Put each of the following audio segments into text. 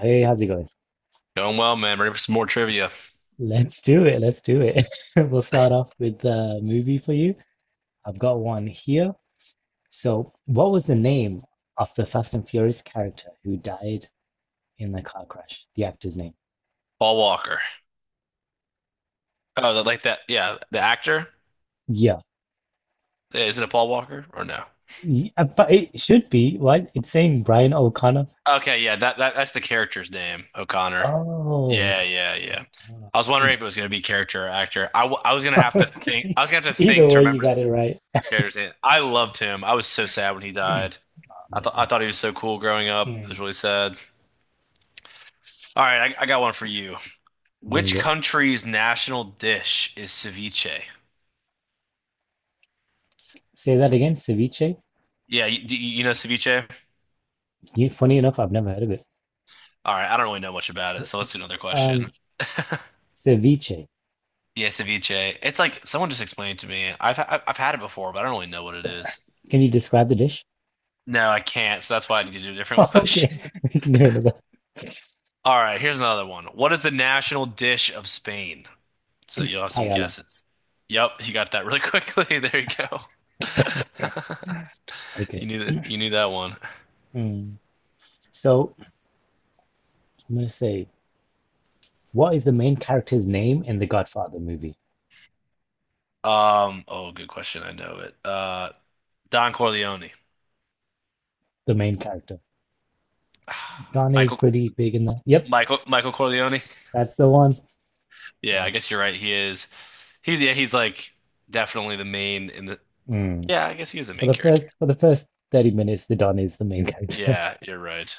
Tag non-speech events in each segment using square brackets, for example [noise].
Hey, how's it going? Going well, man. Ready for some more trivia. Let's do it. Let's do it. [laughs] We'll start off with the movie for you. I've got one here. So, what was the name of the Fast and Furious character who died in the car crash? The actor's name. Paul Walker. Like that. Yeah, the actor. Yeah. Yeah, is it a Paul Walker or no? But it should be. What? It's saying Brian O'Connor. Okay, yeah, that's the character's name, O'Connor. Oh, Yeah, the yeah, yeah. character. Oh. I was wondering if it was gonna be character or actor. I was gonna [laughs] have to think. Okay. I was gonna have to Either think to way, you remember the got it right. character's name. I loved him. I was so sad when he died. Oh, I thought I man. thought he was so cool growing up. It Hmm. was really sad. All right, I got one for you. Bring Which it. country's national dish is ceviche? Say that again, ceviche. Do you know ceviche? You, funny enough, I've never heard of it. All right, I don't really know much about it, so let's do another Um, question. Ceviche. Yeah, ceviche. It's like someone just explained it to me. I've had it before, but I don't really know what it is. Can you describe the dish? [laughs] No, I can't, so that's why I need to do a different [laughs] Okay, question. [laughs] we can do another All right, here's another one. What is the national dish of Spain? So you'll have some paella. guesses. Yep, you got that really [laughs] quickly. There you go. [laughs] You Okay. knew that you knew that one. Mm. So I'm gonna say, what is the main character's name in the Godfather movie? Oh, good question. I know it. Don Corleone. The main character. [sighs] Don is Michael pretty big in the. Yep, Michael Corleone. [laughs] that's the one. Yeah, I Nice. guess you're right. He is. He's yeah, he's like definitely the main in the Mm. yeah, I guess he's the For main the character. first for the first 30 minutes, the Don is the main character. Yeah, you're right.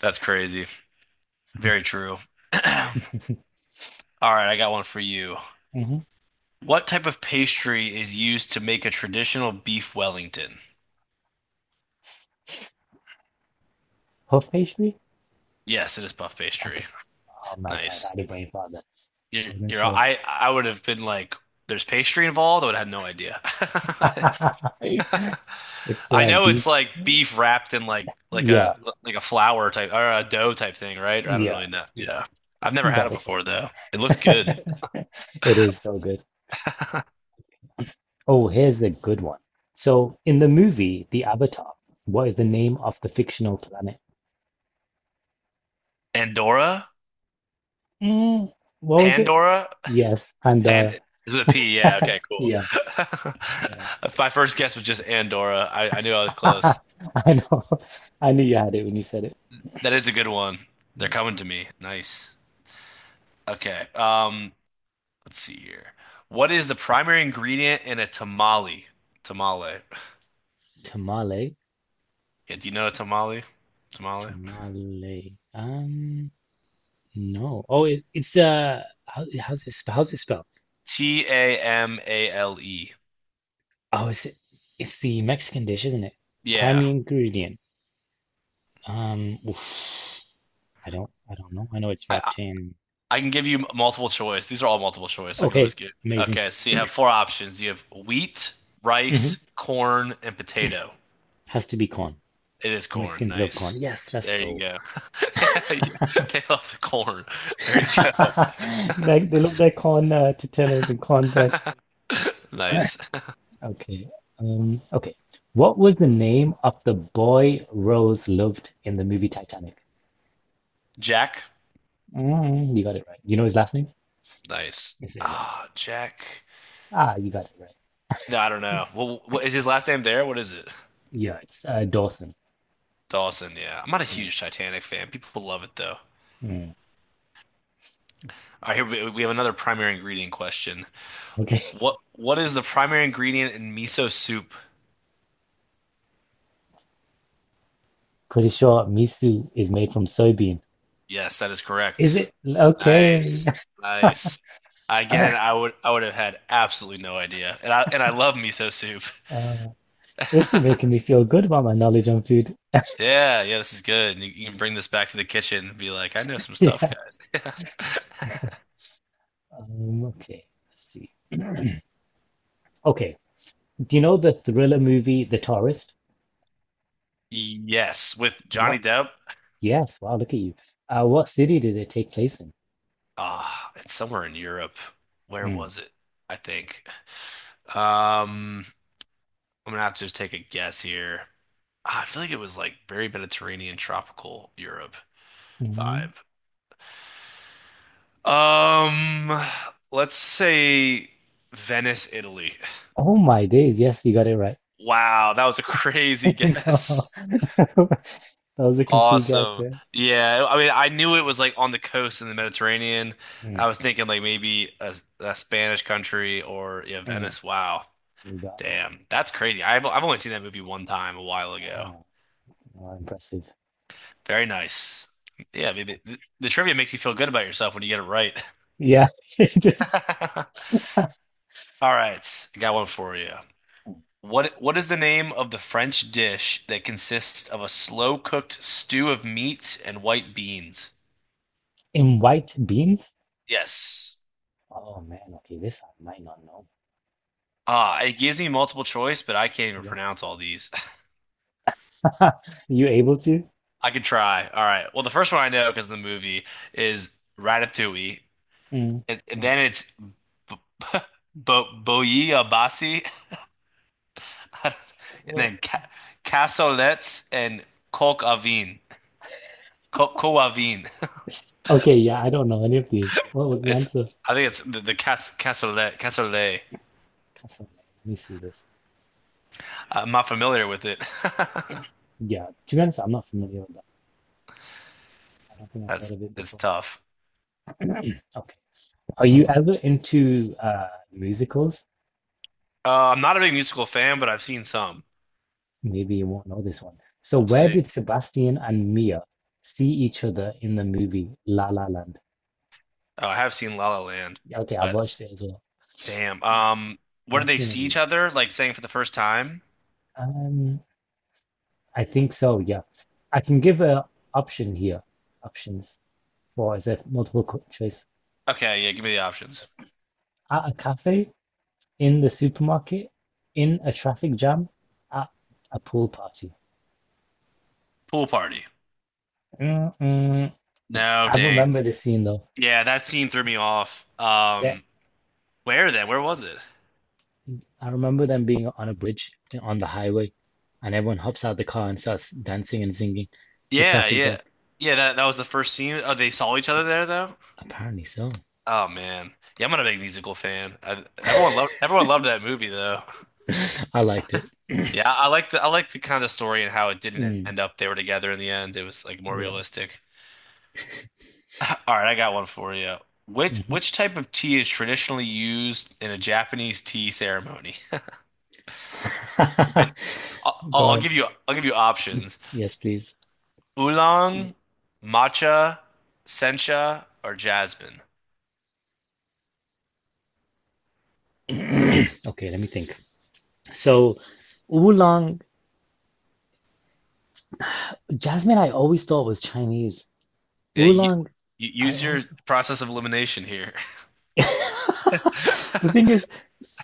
That's crazy. Very true. [laughs] All right, I got one for you. hmm What type of pastry is used to make a traditional beef Wellington? Puff pastry? Yes, it is puff pastry. Okay. Oh my God, I Nice. had a brain father. I You're, wasn't you're sure. I would have been like, there's pastry involved. I would have had no idea. [laughs] [laughs] [laughs] It's I know it's beef. like beef wrapped in like Yeah, a like a flour type or a dough type thing, right? Or I don't yeah, really know. yeah. Yeah. I've never You had got it it. before though. It looks good. [laughs] It is so good. Oh, here's a good one. So, in the movie, The Avatar, what is the name of the fictional planet? Andorra? Mm, what was it? Pandora? Yes, Pan Pandora. is with a P. Yeah, [laughs] okay, cool. Yeah, nice. [laughs] My first guess was just Andorra. I knew I was close. [laughs] I know. I knew you had it when you said it. That is a good one. They're Yeah. coming to me. Nice. Okay. Let's see here. What is the primary ingredient in a tamale? Tamale. Tamale, Yeah, do you know a tamale? Tamale? tamale. No. Oh, it, it's how, how's it sp- how's it spelled? T A M A L E. Oh, it's the Mexican dish, isn't it? Yeah. Primary ingredient. Oof. I don't know. I know it's I, I wrapped in. I can give you multiple choice. These are all multiple choice, so I can Okay, always get. amazing. Okay, so you have four options. You have wheat, Hmm rice, corn, and potato. Has to be corn. It is corn. Mexicans love corn. Nice. Yes, let's There you go. go. [laughs] Yeah, yeah. [laughs] They love the corn. There you go. They love their corn tortillas and cornbread. Nice. [laughs] Okay. Um, okay. What was the name of the boy Rose loved in the movie Titanic? [laughs] Jack? Mm, you got it right. You know his last name? Nice. It's irrelevant. Ah, Jack. Ah, you got it right. No, I don't know. Well, what is his last name there? What is it? Yeah, it's Dawson. Dawson, yeah. I'm not a Mm, huge Titanic fan. People love it though. mm. All right, here we have another primary ingredient question. Okay. What is the primary ingredient in miso soup? [laughs] Pretty sure miso is made from soybean. Yes, that is Is correct. it okay? Nice. [laughs] Nice. Again, I would have had absolutely no idea. And I love miso soup. Uh, this is making [laughs] me feel good about my knowledge on food. Yeah, yeah, this is good. You can bring this back to the kitchen and be like, I know some [laughs] stuff, Yeah. guys. Um, okay. Let's see. Okay. Do you know the thriller movie The Tourist? Yes, with Johnny What? Depp. Yes. Wow. Look at you. What city did it take place in? Ah, it's somewhere in Europe. Where Mm. was it? I think. Um, I'm gonna have to just take a guess here. Ah, I feel like it was like very Mediterranean, tropical Europe. Mhm. Five. Um, let's say Venice, Italy. Oh my days. Yes, you got it right. Wow, that was a [laughs] crazy [laughs] No. guess. [laughs] That was a complete guess Awesome. there. Yeah, I mean, I knew it was like on the coast in the Mediterranean. Mm, I was thinking like maybe a Spanish country or yeah, mm. Venice. Wow. You got it. Damn. That's crazy. I've only seen that movie one time a while ago. Ah, wow, impressive. Very nice. Yeah, maybe the trivia makes you feel good about yourself when you get it right. Yeah. [laughs] It Just [laughs] [laughs] All right, I got one for you. What is the name of the French dish that consists of a slow cooked stew of meat and white beans? in white beans? Yes. Oh man, okay, this I might not know. Ah, it gives me multiple choice, but I can't even Yeah. pronounce all these. [laughs] You able to? [laughs] I could try. All right. Well, the first one I know because of the movie is Ratatouille, Mm, and not then bad. it's Bo Boyaabassi, [laughs] and Well, then ca cassolettes and coq au vin. Co Coq au vin. [laughs] okay, yeah, I don't know any of these. What was the It's answer? I think it's the cassolette cassolet. Cassoulet. Let me see this. I'm not familiar with it. [laughs] Yeah, to be honest, I'm not familiar with that. I don't think I've That's heard of it it's before. tough. Okay. Are you ever into musicals? I'm not a big musical fan, but I've seen some. Maybe you won't know this one. So We'll where see. did Sebastian and Mia see each other in the movie La La Land? I have seen La La Land, Yeah, okay, I've but watched it as well. damn. Where do they Sebastian see and each Mia. other? Like saying for the first time? Um, I think so, yeah. I can give option here, options for as a multiple co- choice. Okay, yeah, give me the options. At a cafe, in the supermarket, in a traffic jam, at a pool party. Pool party. Mm-mm. No, I dang. remember this scene though. Yeah, that scene threw me off. That Where then? Where was it? I remember them being on a bridge on the highway, and everyone hops out the car and starts dancing and singing. The Yeah, traffic jam. yeah. Yeah, that that was the first scene. Oh, they saw each other there though? Apparently so. Oh man. Yeah, I'm not a big musical fan. I, [laughs] everyone loved that movie though. I liked it. Yeah, I like the kind of story and how it didn't Mm, end up they were together in the end. It was like more yeah. realistic. [laughs] All right, I got one for you. Which hmm which type of tea is traditionally used in a Japanese tea ceremony? [laughs] But [laughs] Go on. I'll give you options: Yes, please. oolong, matcha, sencha, or jasmine. [clears throat] Okay, let me think. So, oolong, jasmine, I always thought was Chinese. Yeah, you, Oolong, you I use your also. process of elimination here. [laughs] [laughs] The thing is,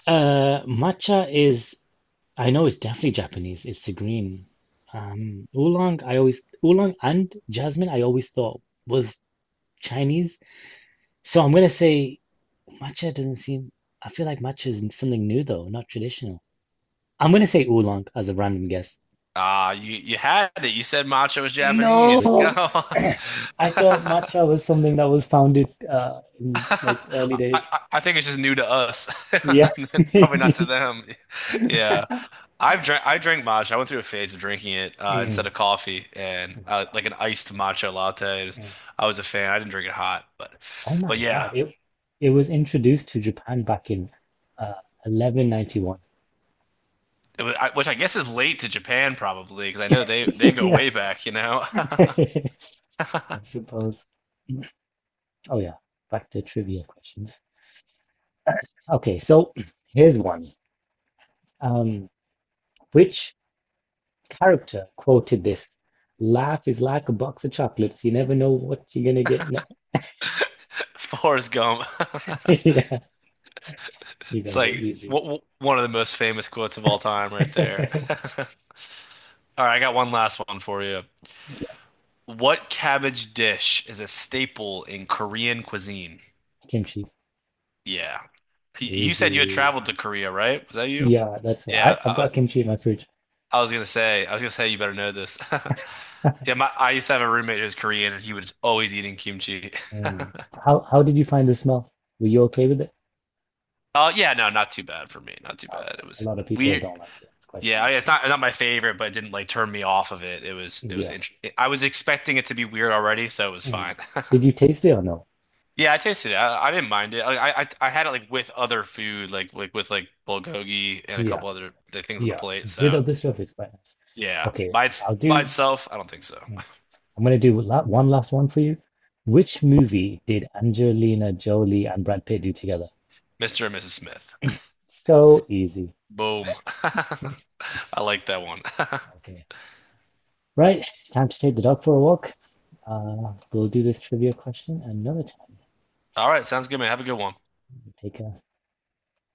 matcha is, I know it's definitely Japanese. It's the green. Oolong and jasmine, I always thought was Chinese. So I'm gonna say matcha doesn't seem, I feel like matcha is something new though, not traditional. I'm gonna say oolong as a random guess. Ah, you had it. You said matcha was Japanese. [laughs] No, Go. [clears throat] I thought matcha [laughs] was something that was founded [laughs] in I, like early days. I think it's just new to us, [laughs] Yeah, and then [laughs] probably not to maybe. them. Yeah, I drank matcha. I went through a phase of drinking it instead Mm. of coffee and like an iced matcha latte. It was- Mm. I was a fan. I didn't drink it hot, Oh but my yeah, God, it was introduced to Japan back in uh, 1191. it was, which I guess is late to Japan probably because I know they [laughs] go Yeah, way back, you know. [laughs] I [laughs] suppose. Oh yeah, back to trivia questions. Okay, so [clears throat] here's one. Um, which character quoted this? Life is like a box of chocolates. You never know what you're gonna get. Forrest Gump. [laughs] [laughs] Yeah, you got It's it like easy. w w one of the most famous quotes of all time, right there. [laughs] [laughs] All right, I got one last one for you. Yeah, What cabbage dish is a staple in Korean cuisine? kimchi. Yeah. Y- You said you had Easy. traveled to Korea, right? Was that you? Yeah, that's why Yeah, I've got kimchi in my fridge. I was gonna say you better know this. [laughs] [laughs] Yeah, my I used to have a roommate who was Korean and he was always eating kimchi. [laughs] Mm. How did you find the smell? Were you okay with it? Oh yeah, no, not too bad for me. Not too bad. Okay. It A was lot of people weird. don't like it. It's quite Yeah, strong. I mean, it's not my favorite, but it didn't like turn me off of it. It was Yeah. interesting. I was expecting it to be weird already, so it was Mm. fine. [laughs] Did you taste it or no? Yeah, I tasted it. I didn't mind it. Like, I had it like with other food, with like bulgogi and a Yeah. couple other th- things on the Yeah. plate. So Without the stuff, it's quite nice. yeah, Okay. by its I'll by do. itself, I don't think so. Mm, I'm gonna do la one last one for you. Which movie did Angelina Jolie and Brad Pitt do together? Mr. and Mrs. Smith. So easy. Boom. [laughs] [laughs] I like that one. [laughs] Okay. Right, it's time to take the dog for a walk. We'll do this trivia question another time. All right, sounds good, man. Have a good one. Take care.